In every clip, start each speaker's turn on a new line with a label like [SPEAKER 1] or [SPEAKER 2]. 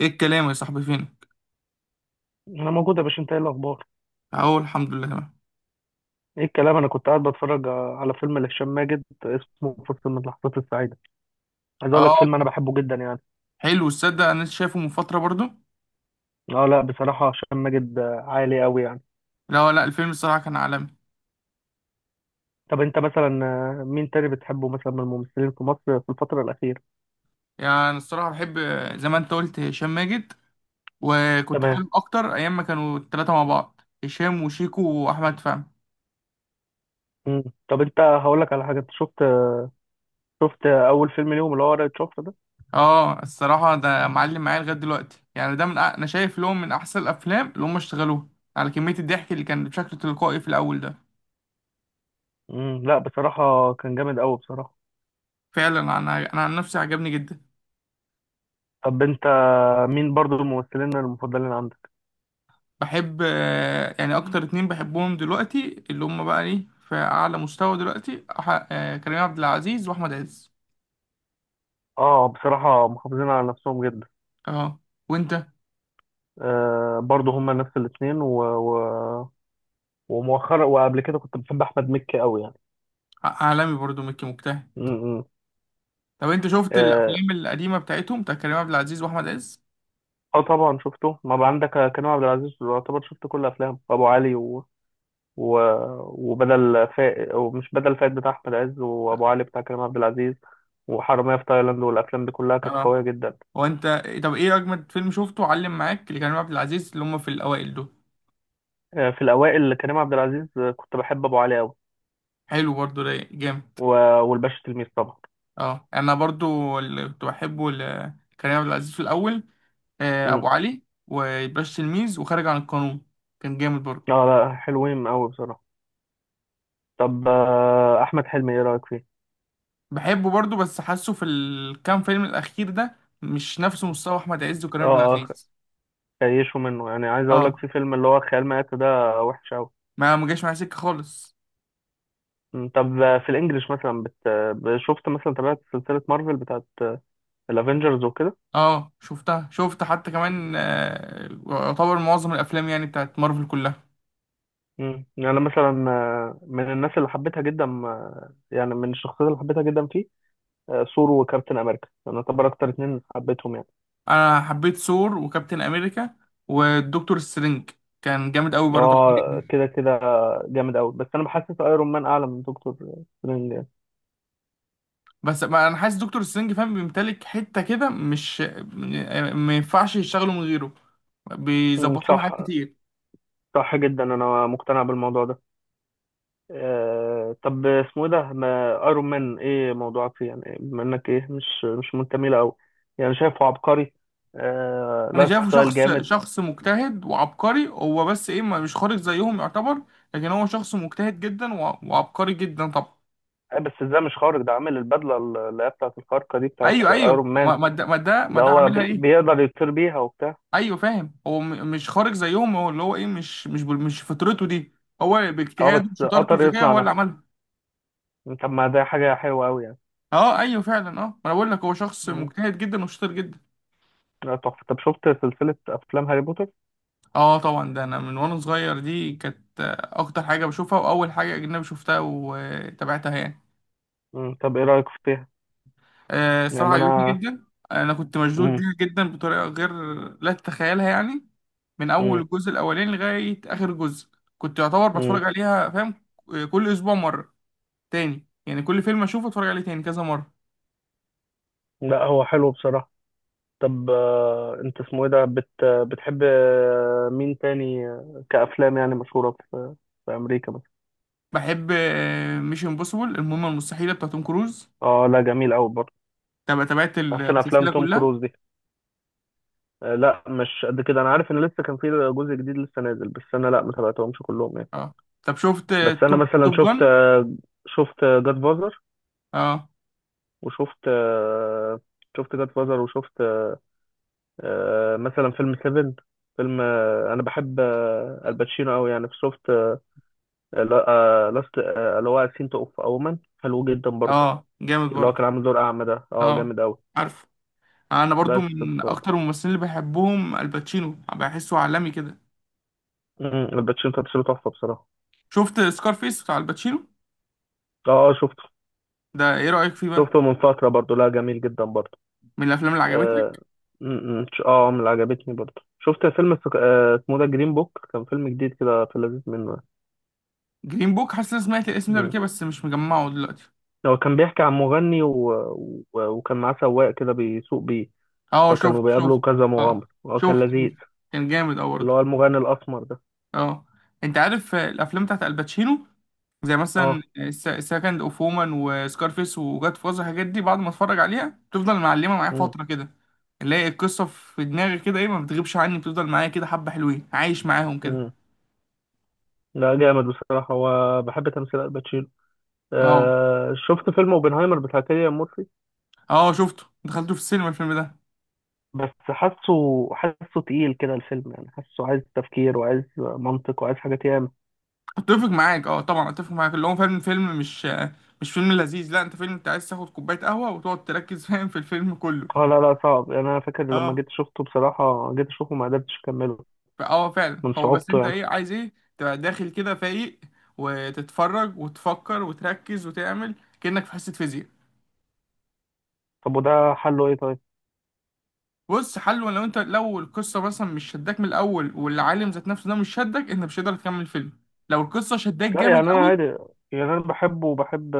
[SPEAKER 1] ايه الكلام يا صاحبي؟ فينك؟
[SPEAKER 2] انا موجود يا باشا، انت ايه الاخبار؟
[SPEAKER 1] اهو الحمد لله تمام.
[SPEAKER 2] ايه الكلام؟ انا كنت قاعد بتفرج على فيلم لهشام ماجد اسمه فرصة من اللحظات السعيدة. عايز اقول لك فيلم انا
[SPEAKER 1] اه،
[SPEAKER 2] بحبه جدا يعني.
[SPEAKER 1] حلو. الصدق انا لسه شايفه من فتره برضو.
[SPEAKER 2] اه، لا بصراحة هشام ماجد عالي قوي يعني.
[SPEAKER 1] لا لا، الفيلم الصراحه كان عالمي.
[SPEAKER 2] طب انت مثلا، مين تاني بتحبه مثلا من الممثلين في مصر في الفترة الأخيرة؟
[SPEAKER 1] يعني أنا الصراحه بحب زي ما انت قلت هشام ماجد، وكنت
[SPEAKER 2] تمام.
[SPEAKER 1] حابب اكتر ايام ما كانوا الثلاثه مع بعض: هشام وشيكو واحمد فهمي.
[SPEAKER 2] مم. طب انت هقول لك على حاجة. انت شفت اول فيلم ليهم اللي هو ورقة شفرة ده؟
[SPEAKER 1] اه الصراحه ده معلم معايا لغايه دلوقتي، يعني ده من انا شايف لهم من احسن الافلام اللي هم اشتغلوها، على كميه الضحك اللي كان بشكل تلقائي في الاول ده.
[SPEAKER 2] مم. لا بصراحة كان جامد قوي بصراحة.
[SPEAKER 1] فعلا انا عن نفسي عجبني جدا.
[SPEAKER 2] طب انت مين برضو الممثلين المفضلين عندك؟
[SPEAKER 1] بحب يعني اكتر اتنين بحبهم دلوقتي اللي هم بقى ايه في اعلى مستوى دلوقتي كريم عبد العزيز واحمد عز.
[SPEAKER 2] اه، بصراحة محافظين على نفسهم جدا.
[SPEAKER 1] اه. وانت؟
[SPEAKER 2] آه برضه هما نفس الاثنين ومؤخرا وقبل كده كنت بحب احمد مكي قوي يعني.
[SPEAKER 1] عالمي برضو، مكي مجتهد.
[SPEAKER 2] م- م.
[SPEAKER 1] طب انت شفت
[SPEAKER 2] اه،
[SPEAKER 1] الافلام القديمه بتاعتهم، بتاع كريم عبد العزيز واحمد عز؟
[SPEAKER 2] طبعا شفته. ما بقى عندك؟ كريم عبد العزيز يعتبر شفت كل افلامه، ابو علي و... وبدل فائد ومش بدل فائد بتاع احمد عز، وابو علي بتاع كريم عبد العزيز، وحرامية في تايلاند، والافلام دي كلها كانت
[SPEAKER 1] اه.
[SPEAKER 2] قويه جدا.
[SPEAKER 1] وانت؟ طب ايه اجمد فيلم شفته علم معاك لكريم عبد العزيز اللي هم في الاوائل دول؟
[SPEAKER 2] آه، في الاوائل كريم عبد العزيز كنت بحب ابو علي قوي
[SPEAKER 1] حلو برضو، رايق جامد.
[SPEAKER 2] و... والباشا تلميذ طبعا.
[SPEAKER 1] اه انا برضو اللي كنت بحبه لكريم عبد العزيز في الاول
[SPEAKER 2] م.
[SPEAKER 1] ابو علي وباش تلميذ وخارج عن القانون. كان جامد برضو.
[SPEAKER 2] اه لا، حلوين قوي بصراحه. طب احمد حلمي ايه رايك فيه؟
[SPEAKER 1] بحبه برضو، بس حاسه في الكام فيلم الاخير ده مش نفس مستوى احمد عز وكريم عبد
[SPEAKER 2] اه،
[SPEAKER 1] العزيز.
[SPEAKER 2] كيشوا منه. يعني عايز اقول لك
[SPEAKER 1] اه،
[SPEAKER 2] في فيلم اللي هو خيال مآتة ده وحش قوي.
[SPEAKER 1] ما جاش معايا سكه خالص.
[SPEAKER 2] طب في الانجليش مثلا بت... آه، شفت مثلا؟ تابعت سلسلة مارفل بتاعت الافينجرز وكده؟
[SPEAKER 1] اه شفتها، شفت حتى كمان يعتبر معظم الافلام يعني بتاعت مارفل كلها.
[SPEAKER 2] يعني أنا مثلا من الناس اللي حبيتها جدا، يعني من الشخصيات اللي حبيتها جدا فيه ثور وكابتن امريكا. انا اعتبر اكتر اتنين حبيتهم يعني.
[SPEAKER 1] انا حبيت ثور وكابتن امريكا والدكتور سترينج، كان جامد قوي برضه.
[SPEAKER 2] اه كده كده، جامد قوي. بس انا بحسس ايرون مان اعلى من دكتور سترينج يعني.
[SPEAKER 1] بس ما انا حاسس دكتور سترينج فاهم، بيمتلك حته كده، مش ما ينفعش يشتغلوا من غيره،
[SPEAKER 2] مم،
[SPEAKER 1] بيظبط لهم حاجات
[SPEAKER 2] صح.
[SPEAKER 1] كتير.
[SPEAKER 2] صح جدا، انا مقتنع بالموضوع ده. طب اسمه ايه ده؟ ما ايرون مان ايه موضوعك فيه يعني؟ بما انك ايه مش منتمي له قوي، يعني شايفه عبقري. آه،
[SPEAKER 1] انا
[SPEAKER 2] لايف
[SPEAKER 1] شايفه
[SPEAKER 2] ستايل
[SPEAKER 1] شخص،
[SPEAKER 2] جامد.
[SPEAKER 1] شخص مجتهد وعبقري هو، بس ايه مش خارج زيهم يعتبر. لكن هو شخص مجتهد جدا وعبقري جدا طبعا.
[SPEAKER 2] بس ازاي مش خارق ده؟ عامل البدله اللي هي بتاعت الخارقه دي بتاعت
[SPEAKER 1] ايوه
[SPEAKER 2] ايرون
[SPEAKER 1] ايوه،
[SPEAKER 2] مان.
[SPEAKER 1] ما ما ده ما ده ما
[SPEAKER 2] ده
[SPEAKER 1] ده
[SPEAKER 2] هو
[SPEAKER 1] عاملها ايه.
[SPEAKER 2] بيقدر يطير بيها وبتاع.
[SPEAKER 1] ايوه فاهم، هو مش خارج زيهم، هو اللي هو ايه مش مش فطرته دي، هو
[SPEAKER 2] اه،
[SPEAKER 1] باجتهاده
[SPEAKER 2] بس
[SPEAKER 1] وشطارته
[SPEAKER 2] قطر
[SPEAKER 1] وذكائه
[SPEAKER 2] يصنع
[SPEAKER 1] هو اللي
[SPEAKER 2] نفسه،
[SPEAKER 1] عملها.
[SPEAKER 2] طب ما ده حاجه حلوه قوي يعني.
[SPEAKER 1] اه ايوه فعلا، اه ما انا بقول لك هو شخص
[SPEAKER 2] مم.
[SPEAKER 1] مجتهد جدا وشاطر جدا.
[SPEAKER 2] لا تحفه. طب شفت سلسله افلام هاري بوتر؟
[SPEAKER 1] اه طبعا، ده انا من وانا صغير دي كانت اكتر حاجه بشوفها، واول حاجه اجنبي شفتها وتابعتها يعني.
[SPEAKER 2] مم. طب ايه رايك فيها؟
[SPEAKER 1] الصراحة
[SPEAKER 2] يعني
[SPEAKER 1] عجبتني
[SPEAKER 2] انا.
[SPEAKER 1] جدا. أنا كنت مشدود
[SPEAKER 2] مم.
[SPEAKER 1] ليها جدا بطريقة غير لا تتخيلها يعني، من أول
[SPEAKER 2] مم.
[SPEAKER 1] الجزء الأولاني لغاية آخر جزء. كنت يعتبر
[SPEAKER 2] مم.
[SPEAKER 1] بتفرج عليها فاهم، كل أسبوع مرة تاني، يعني كل فيلم أشوفه أتفرج عليه تاني كذا مرة.
[SPEAKER 2] لا هو حلو بصراحه. طب انت اسمه ايه ده؟ بتحب مين تاني كأفلام يعني مشهورة في أمريكا مثلا؟
[SPEAKER 1] بحب مش امبوسيبل، المهمة المستحيلة بتاعت توم كروز.
[SPEAKER 2] اه لا، جميل قوي برضه.
[SPEAKER 1] تابعت
[SPEAKER 2] أحسن أفلام
[SPEAKER 1] السلسلة
[SPEAKER 2] توم
[SPEAKER 1] كلها.
[SPEAKER 2] كروز دي؟ لا مش قد كده. أنا عارف إن لسه كان في جزء جديد لسه نازل، بس أنا لا ما تابعتهمش كلهم يعني.
[SPEAKER 1] اه طب شفت
[SPEAKER 2] بس أنا مثلا
[SPEAKER 1] توب
[SPEAKER 2] شفت
[SPEAKER 1] جان؟
[SPEAKER 2] آه، شفت جاد فازر
[SPEAKER 1] اه.
[SPEAKER 2] وشفت آه، شفت جاد فازر، وشفت مثلا فيلم سيفن. فيلم أنا بحب الباتشينو قوي يعني. لا- آه، لاست آه، اللي هو سين تو اوف اومن حلو جدا برضه.
[SPEAKER 1] اه جامد
[SPEAKER 2] اللي هو
[SPEAKER 1] برضو.
[SPEAKER 2] كان عامل دور اعمى ده، اه
[SPEAKER 1] اه
[SPEAKER 2] جامد قوي.
[SPEAKER 1] عارف، انا برضو
[SPEAKER 2] بس
[SPEAKER 1] من
[SPEAKER 2] ف
[SPEAKER 1] اكتر الممثلين اللي بحبهم الباتشينو، بحسه عالمي كده.
[SPEAKER 2] مم، الباتشينو تمثيله تحفه بصراحه.
[SPEAKER 1] شفت سكارفيس بتاع الباتشينو؟
[SPEAKER 2] اه اه، شفته.
[SPEAKER 1] ده ايه رأيك فيه بقى؟
[SPEAKER 2] شفته من فتره برضه. لا، جميل جدا برضه.
[SPEAKER 1] من الافلام اللي
[SPEAKER 2] اه.
[SPEAKER 1] عجبتك؟
[SPEAKER 2] مم، اه، من اللي عجبتني برضه شفت فيلم اسمه ده جرين بوك. كان فيلم جديد كده، في اللذيذ منه.
[SPEAKER 1] جرين بوك، حاسس اني سمعت الاسم ده قبل
[SPEAKER 2] مم.
[SPEAKER 1] كده بس مش مجمعه دلوقتي.
[SPEAKER 2] هو كان بيحكي عن مغني وكان معاه سواق كده بيسوق بيه.
[SPEAKER 1] اه
[SPEAKER 2] فكانوا بيقابلوا
[SPEAKER 1] شفت.
[SPEAKER 2] كذا
[SPEAKER 1] اه
[SPEAKER 2] مغامر، هو كان لذيذ.
[SPEAKER 1] شفت. كان جامد اه
[SPEAKER 2] اللي
[SPEAKER 1] برضه.
[SPEAKER 2] هو المغني الاسمر ده.
[SPEAKER 1] اه انت عارف الافلام بتاعت الباتشينو زي مثلا
[SPEAKER 2] اه.
[SPEAKER 1] سكند اوف وومن وسكارفيس وجاد فازر، الحاجات دي بعد ما اتفرج عليها بتفضل معلمه معايا فتره كده، اللي هي القصه في دماغي كده ايه ما بتغيبش عني، بتفضل معايا كده حبه، حلوين عايش معاهم كده.
[SPEAKER 2] مم. لا جامد بصراحة، وبحب تمثيل الباتشينو.
[SPEAKER 1] اه.
[SPEAKER 2] آه، شفت فيلم اوبنهايمر بتاع كيليان مورفي.
[SPEAKER 1] اه شفته، دخلته في السينما الفيلم ده.
[SPEAKER 2] بس حاسه تقيل كده الفيلم يعني. حاسه عايز تفكير وعايز منطق وعايز حاجات ياما.
[SPEAKER 1] اتفق معاك، اه طبعا اتفق معاك، اللي هو فعلا فيلم مش مش فيلم لذيذ، لا انت فيلم انت عايز تاخد كوبايه قهوه وتقعد تركز فاهم في الفيلم كله.
[SPEAKER 2] اه لا لا، صعب يعني. انا فاكر لما
[SPEAKER 1] اه
[SPEAKER 2] جيت شفته بصراحة، جيت اشوفه ما قدرتش اكمله
[SPEAKER 1] فعلا،
[SPEAKER 2] من
[SPEAKER 1] هو بس
[SPEAKER 2] صعوبته
[SPEAKER 1] انت
[SPEAKER 2] يعني.
[SPEAKER 1] ايه عايز ايه تبقى داخل كده فايق وتتفرج وتفكر وتركز وتعمل كأنك في حصه فيزياء.
[SPEAKER 2] طب وده حله ايه طيب؟
[SPEAKER 1] بص حلو، لو انت لو القصه مثلا مش شداك من الاول والعالم ذات نفسه ده مش شدك، انت مش هتقدر تكمل الفيلم. لو القصه شداك
[SPEAKER 2] لا
[SPEAKER 1] جامد
[SPEAKER 2] يعني انا عادي.
[SPEAKER 1] قوي.
[SPEAKER 2] يعني انا بحبه، وبحب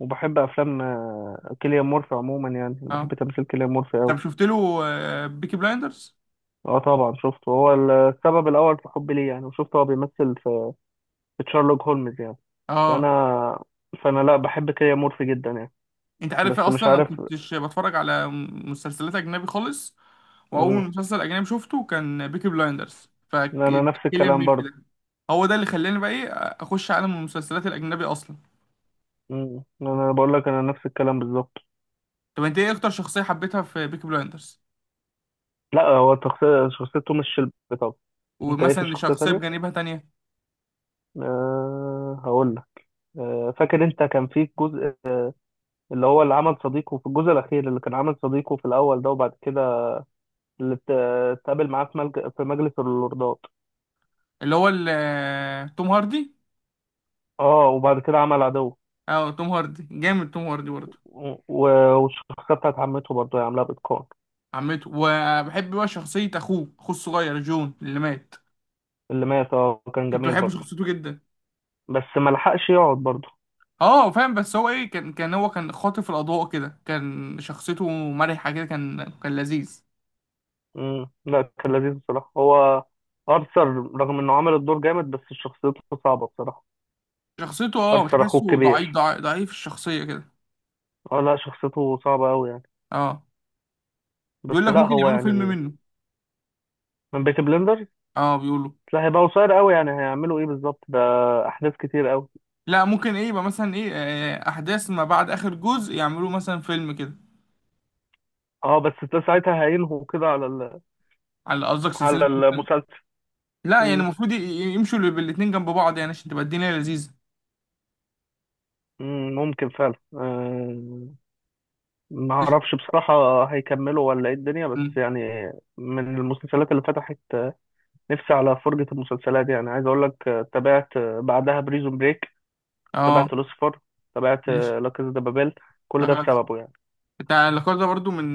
[SPEAKER 2] وبحب افلام كيليان مورفي عموما، يعني
[SPEAKER 1] اه
[SPEAKER 2] بحب تمثيل كيليان مورفي
[SPEAKER 1] طب
[SPEAKER 2] قوي.
[SPEAKER 1] شفت له بيكي بلايندرز؟
[SPEAKER 2] اه طبعا، شفته. هو السبب الاول في حبي ليه يعني. وشفته هو بيمثل في تشارلوك هولمز يعني. فانا
[SPEAKER 1] اه
[SPEAKER 2] فانا لا بحب كيليان مورفي جدا يعني.
[SPEAKER 1] انت عارف ايه،
[SPEAKER 2] بس مش
[SPEAKER 1] اصلا انا
[SPEAKER 2] عارف.
[SPEAKER 1] كنتش بتفرج على مسلسلات اجنبي خالص، واول
[SPEAKER 2] مم.
[SPEAKER 1] مسلسل اجنبي شفته كان بيكي بلايندرز،
[SPEAKER 2] انا نفس
[SPEAKER 1] فكيليان
[SPEAKER 2] الكلام
[SPEAKER 1] ميرفي
[SPEAKER 2] برضه.
[SPEAKER 1] ده هو ده اللي خلاني بقى ايه اخش عالم المسلسلات الاجنبي اصلا.
[SPEAKER 2] انا بقول لك انا نفس الكلام بالظبط.
[SPEAKER 1] طب انت ايه اكتر شخصيه حبيتها في بيكي بلايندرز؟
[SPEAKER 2] لا هو شخصيته مش شلبي طبعا. انت ايه في
[SPEAKER 1] ومثلا
[SPEAKER 2] شخصية
[SPEAKER 1] شخصيه
[SPEAKER 2] تانية؟
[SPEAKER 1] بجانبها تانية؟
[SPEAKER 2] أه هقول لك. أه فاكر انت كان في جزء، اللي هو اللي عمل صديقه في الجزء الاخير، اللي كان عمل صديقه في الاول ده، وبعد كده اللي ات- اتقابل معاه في في مجلس اللوردات.
[SPEAKER 1] توم هاردي.
[SPEAKER 2] اه، وبعد كده عمل عدو.
[SPEAKER 1] اه توم هاردي جامد، توم هاردي برضه.
[SPEAKER 2] و- والشخصية بتاعت عمته برضه هي عاملاها بإتقان.
[SPEAKER 1] عمته. وبحب بقى شخصيه اخوه، اخوه الصغير جون اللي مات،
[SPEAKER 2] اللي مات، اه كان
[SPEAKER 1] كنت
[SPEAKER 2] جميل
[SPEAKER 1] بحب
[SPEAKER 2] برضه.
[SPEAKER 1] شخصيته جدا.
[SPEAKER 2] بس ما لحقش يقعد برضه.
[SPEAKER 1] اه فاهم، بس هو ايه كان كان هو كان خاطف الاضواء كده، كان شخصيته مرحه كده، كان لذيذ.
[SPEAKER 2] لا كان لذيذ بصراحة هو. أرثر، رغم إنه عمل الدور جامد، بس شخصيته صعبة بصراحة.
[SPEAKER 1] شخصيته اه
[SPEAKER 2] أرثر أخوه
[SPEAKER 1] بتحسه ضعيف،
[SPEAKER 2] الكبير.
[SPEAKER 1] ضعيف الشخصيه كده.
[SPEAKER 2] اه لا، شخصيته صعبة أوي يعني.
[SPEAKER 1] اه بيقول
[SPEAKER 2] بس
[SPEAKER 1] لك
[SPEAKER 2] لا
[SPEAKER 1] ممكن
[SPEAKER 2] هو
[SPEAKER 1] يعملوا فيلم
[SPEAKER 2] يعني.
[SPEAKER 1] منه.
[SPEAKER 2] من بيكي بلندرز.
[SPEAKER 1] اه بيقولوا.
[SPEAKER 2] لا هيبقى قصير أوي يعني، هيعملوا إيه بالظبط ده؟ أحداث كتير أوي.
[SPEAKER 1] لا ممكن ايه يبقى مثلا ايه احداث ما بعد اخر جزء، يعملوا مثلا فيلم كده.
[SPEAKER 2] اه بس ده ساعتها هينهوا كده على ال...
[SPEAKER 1] على قصدك سلسله
[SPEAKER 2] على
[SPEAKER 1] مسلسل.
[SPEAKER 2] المسلسل.
[SPEAKER 1] لا يعني
[SPEAKER 2] امم
[SPEAKER 1] المفروض يمشوا بالاتنين جنب بعض يعني عشان تبقى الدنيا لذيذه.
[SPEAKER 2] ممكن فعلا. ما
[SPEAKER 1] ماشي.
[SPEAKER 2] اعرفش بصراحة هيكملوا ولا ايه الدنيا بس
[SPEAKER 1] م.
[SPEAKER 2] يعني. من المسلسلات اللي فتحت نفسي على فرجة المسلسلات يعني، عايز اقول لك، تابعت بعدها بريزون بريك.
[SPEAKER 1] اه
[SPEAKER 2] تابعت لوسيفر. تابعت لا كازا دي بابيل. كل ده
[SPEAKER 1] ماشي.
[SPEAKER 2] بسببه يعني.
[SPEAKER 1] بتاع الحوار ده برضو من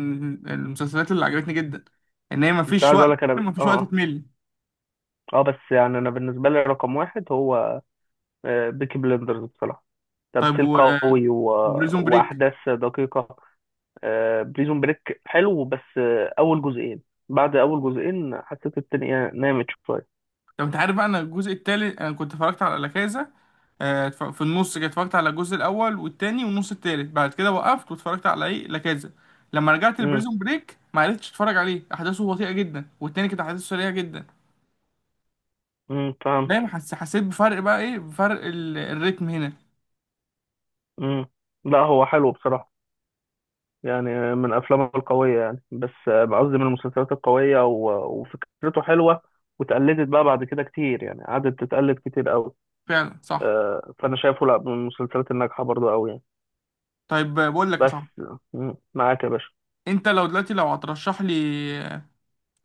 [SPEAKER 1] المسلسلات اللي عجبتني جدا، ان هي
[SPEAKER 2] بس
[SPEAKER 1] مفيش
[SPEAKER 2] عايز اقول
[SPEAKER 1] وقت،
[SPEAKER 2] لك انا اه،
[SPEAKER 1] مفيش وقت
[SPEAKER 2] اه،
[SPEAKER 1] تمل.
[SPEAKER 2] بس يعني انا بالنسبة لي رقم واحد هو بيكي بلندرز بصراحة.
[SPEAKER 1] طيب
[SPEAKER 2] تمثيل قوي
[SPEAKER 1] وبريزون بريك.
[SPEAKER 2] واحداث دقيقة. بريزون بريك حلو بس اول جزئين. بعد اول جزئين حسيت الدنيا نامت شوية.
[SPEAKER 1] طب انت عارف بقى، انا الجزء التالت انا كنت اتفرجت على لا كازا. في النص كده اتفرجت على الجزء الاول والتاني والنص التالت، بعد كده وقفت واتفرجت على ايه لا كازا. لما رجعت لبريزون بريك ما عرفتش اتفرج عليه، احداثه بطيئه جدا والتاني كانت احداثه سريعه جدا.
[SPEAKER 2] فهمت.
[SPEAKER 1] دايما حسيت بفرق، بقى ايه بفرق الريتم هنا.
[SPEAKER 2] امم لا هو حلو بصراحة. يعني من أفلامه القوية يعني، بس قصدي من المسلسلات القوية وفكرته حلوة، واتقلدت بقى بعد كده كتير يعني، قعدت تتقلد كتير قوي.
[SPEAKER 1] فعلا صح.
[SPEAKER 2] فأنا شايفه لا من المسلسلات الناجحة برضه قوي يعني.
[SPEAKER 1] طيب بقول لك يا
[SPEAKER 2] بس.
[SPEAKER 1] صاحبي،
[SPEAKER 2] مم، معاك يا باشا.
[SPEAKER 1] انت لو دلوقتي لو هترشح لي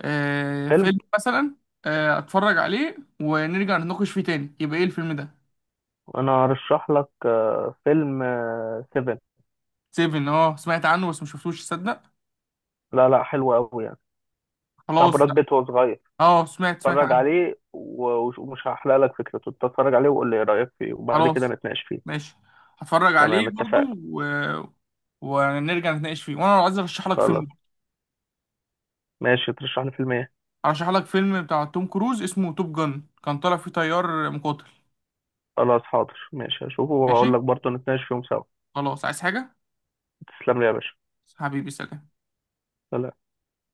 [SPEAKER 2] فيلم.
[SPEAKER 1] فيلم مثلا اتفرج عليه ونرجع نتناقش فيه تاني، يبقى ايه الفيلم ده؟
[SPEAKER 2] أنا هرشح لك فيلم سيفن.
[SPEAKER 1] سيفن؟ اه سمعت عنه بس ما شفتوش تصدق.
[SPEAKER 2] لا لا، حلو قوي يعني. بتاع
[SPEAKER 1] خلاص
[SPEAKER 2] براد
[SPEAKER 1] لا.
[SPEAKER 2] بيت وهو صغير.
[SPEAKER 1] اه سمعت، سمعت
[SPEAKER 2] اتفرج
[SPEAKER 1] عنه.
[SPEAKER 2] عليه ومش هحرق لك فكرته. اتفرج عليه وقول لي ايه رأيك فيه، وبعد كده
[SPEAKER 1] خلاص
[SPEAKER 2] نتناقش فيه.
[SPEAKER 1] ماشي، هتفرج عليه
[SPEAKER 2] تمام،
[SPEAKER 1] برضو
[SPEAKER 2] اتفقنا.
[SPEAKER 1] و... ونرجع نتناقش فيه. وانا عايز ارشح لك
[SPEAKER 2] خلاص.
[SPEAKER 1] فيلم.
[SPEAKER 2] ماشي، ترشح لي فيلم ايه؟
[SPEAKER 1] ارشح لك فيلم بتاع توم كروز اسمه توب جن، كان طالع فيه طيار مقاتل.
[SPEAKER 2] خلاص حاضر، ماشي هشوفه واقول لك
[SPEAKER 1] ماشي.
[SPEAKER 2] برضه نتناقش فيهم سوا.
[SPEAKER 1] خلاص، عايز حاجة؟
[SPEAKER 2] تسلم لي يا باشا.
[SPEAKER 1] حبيبي سلام.
[SPEAKER 2] سلام.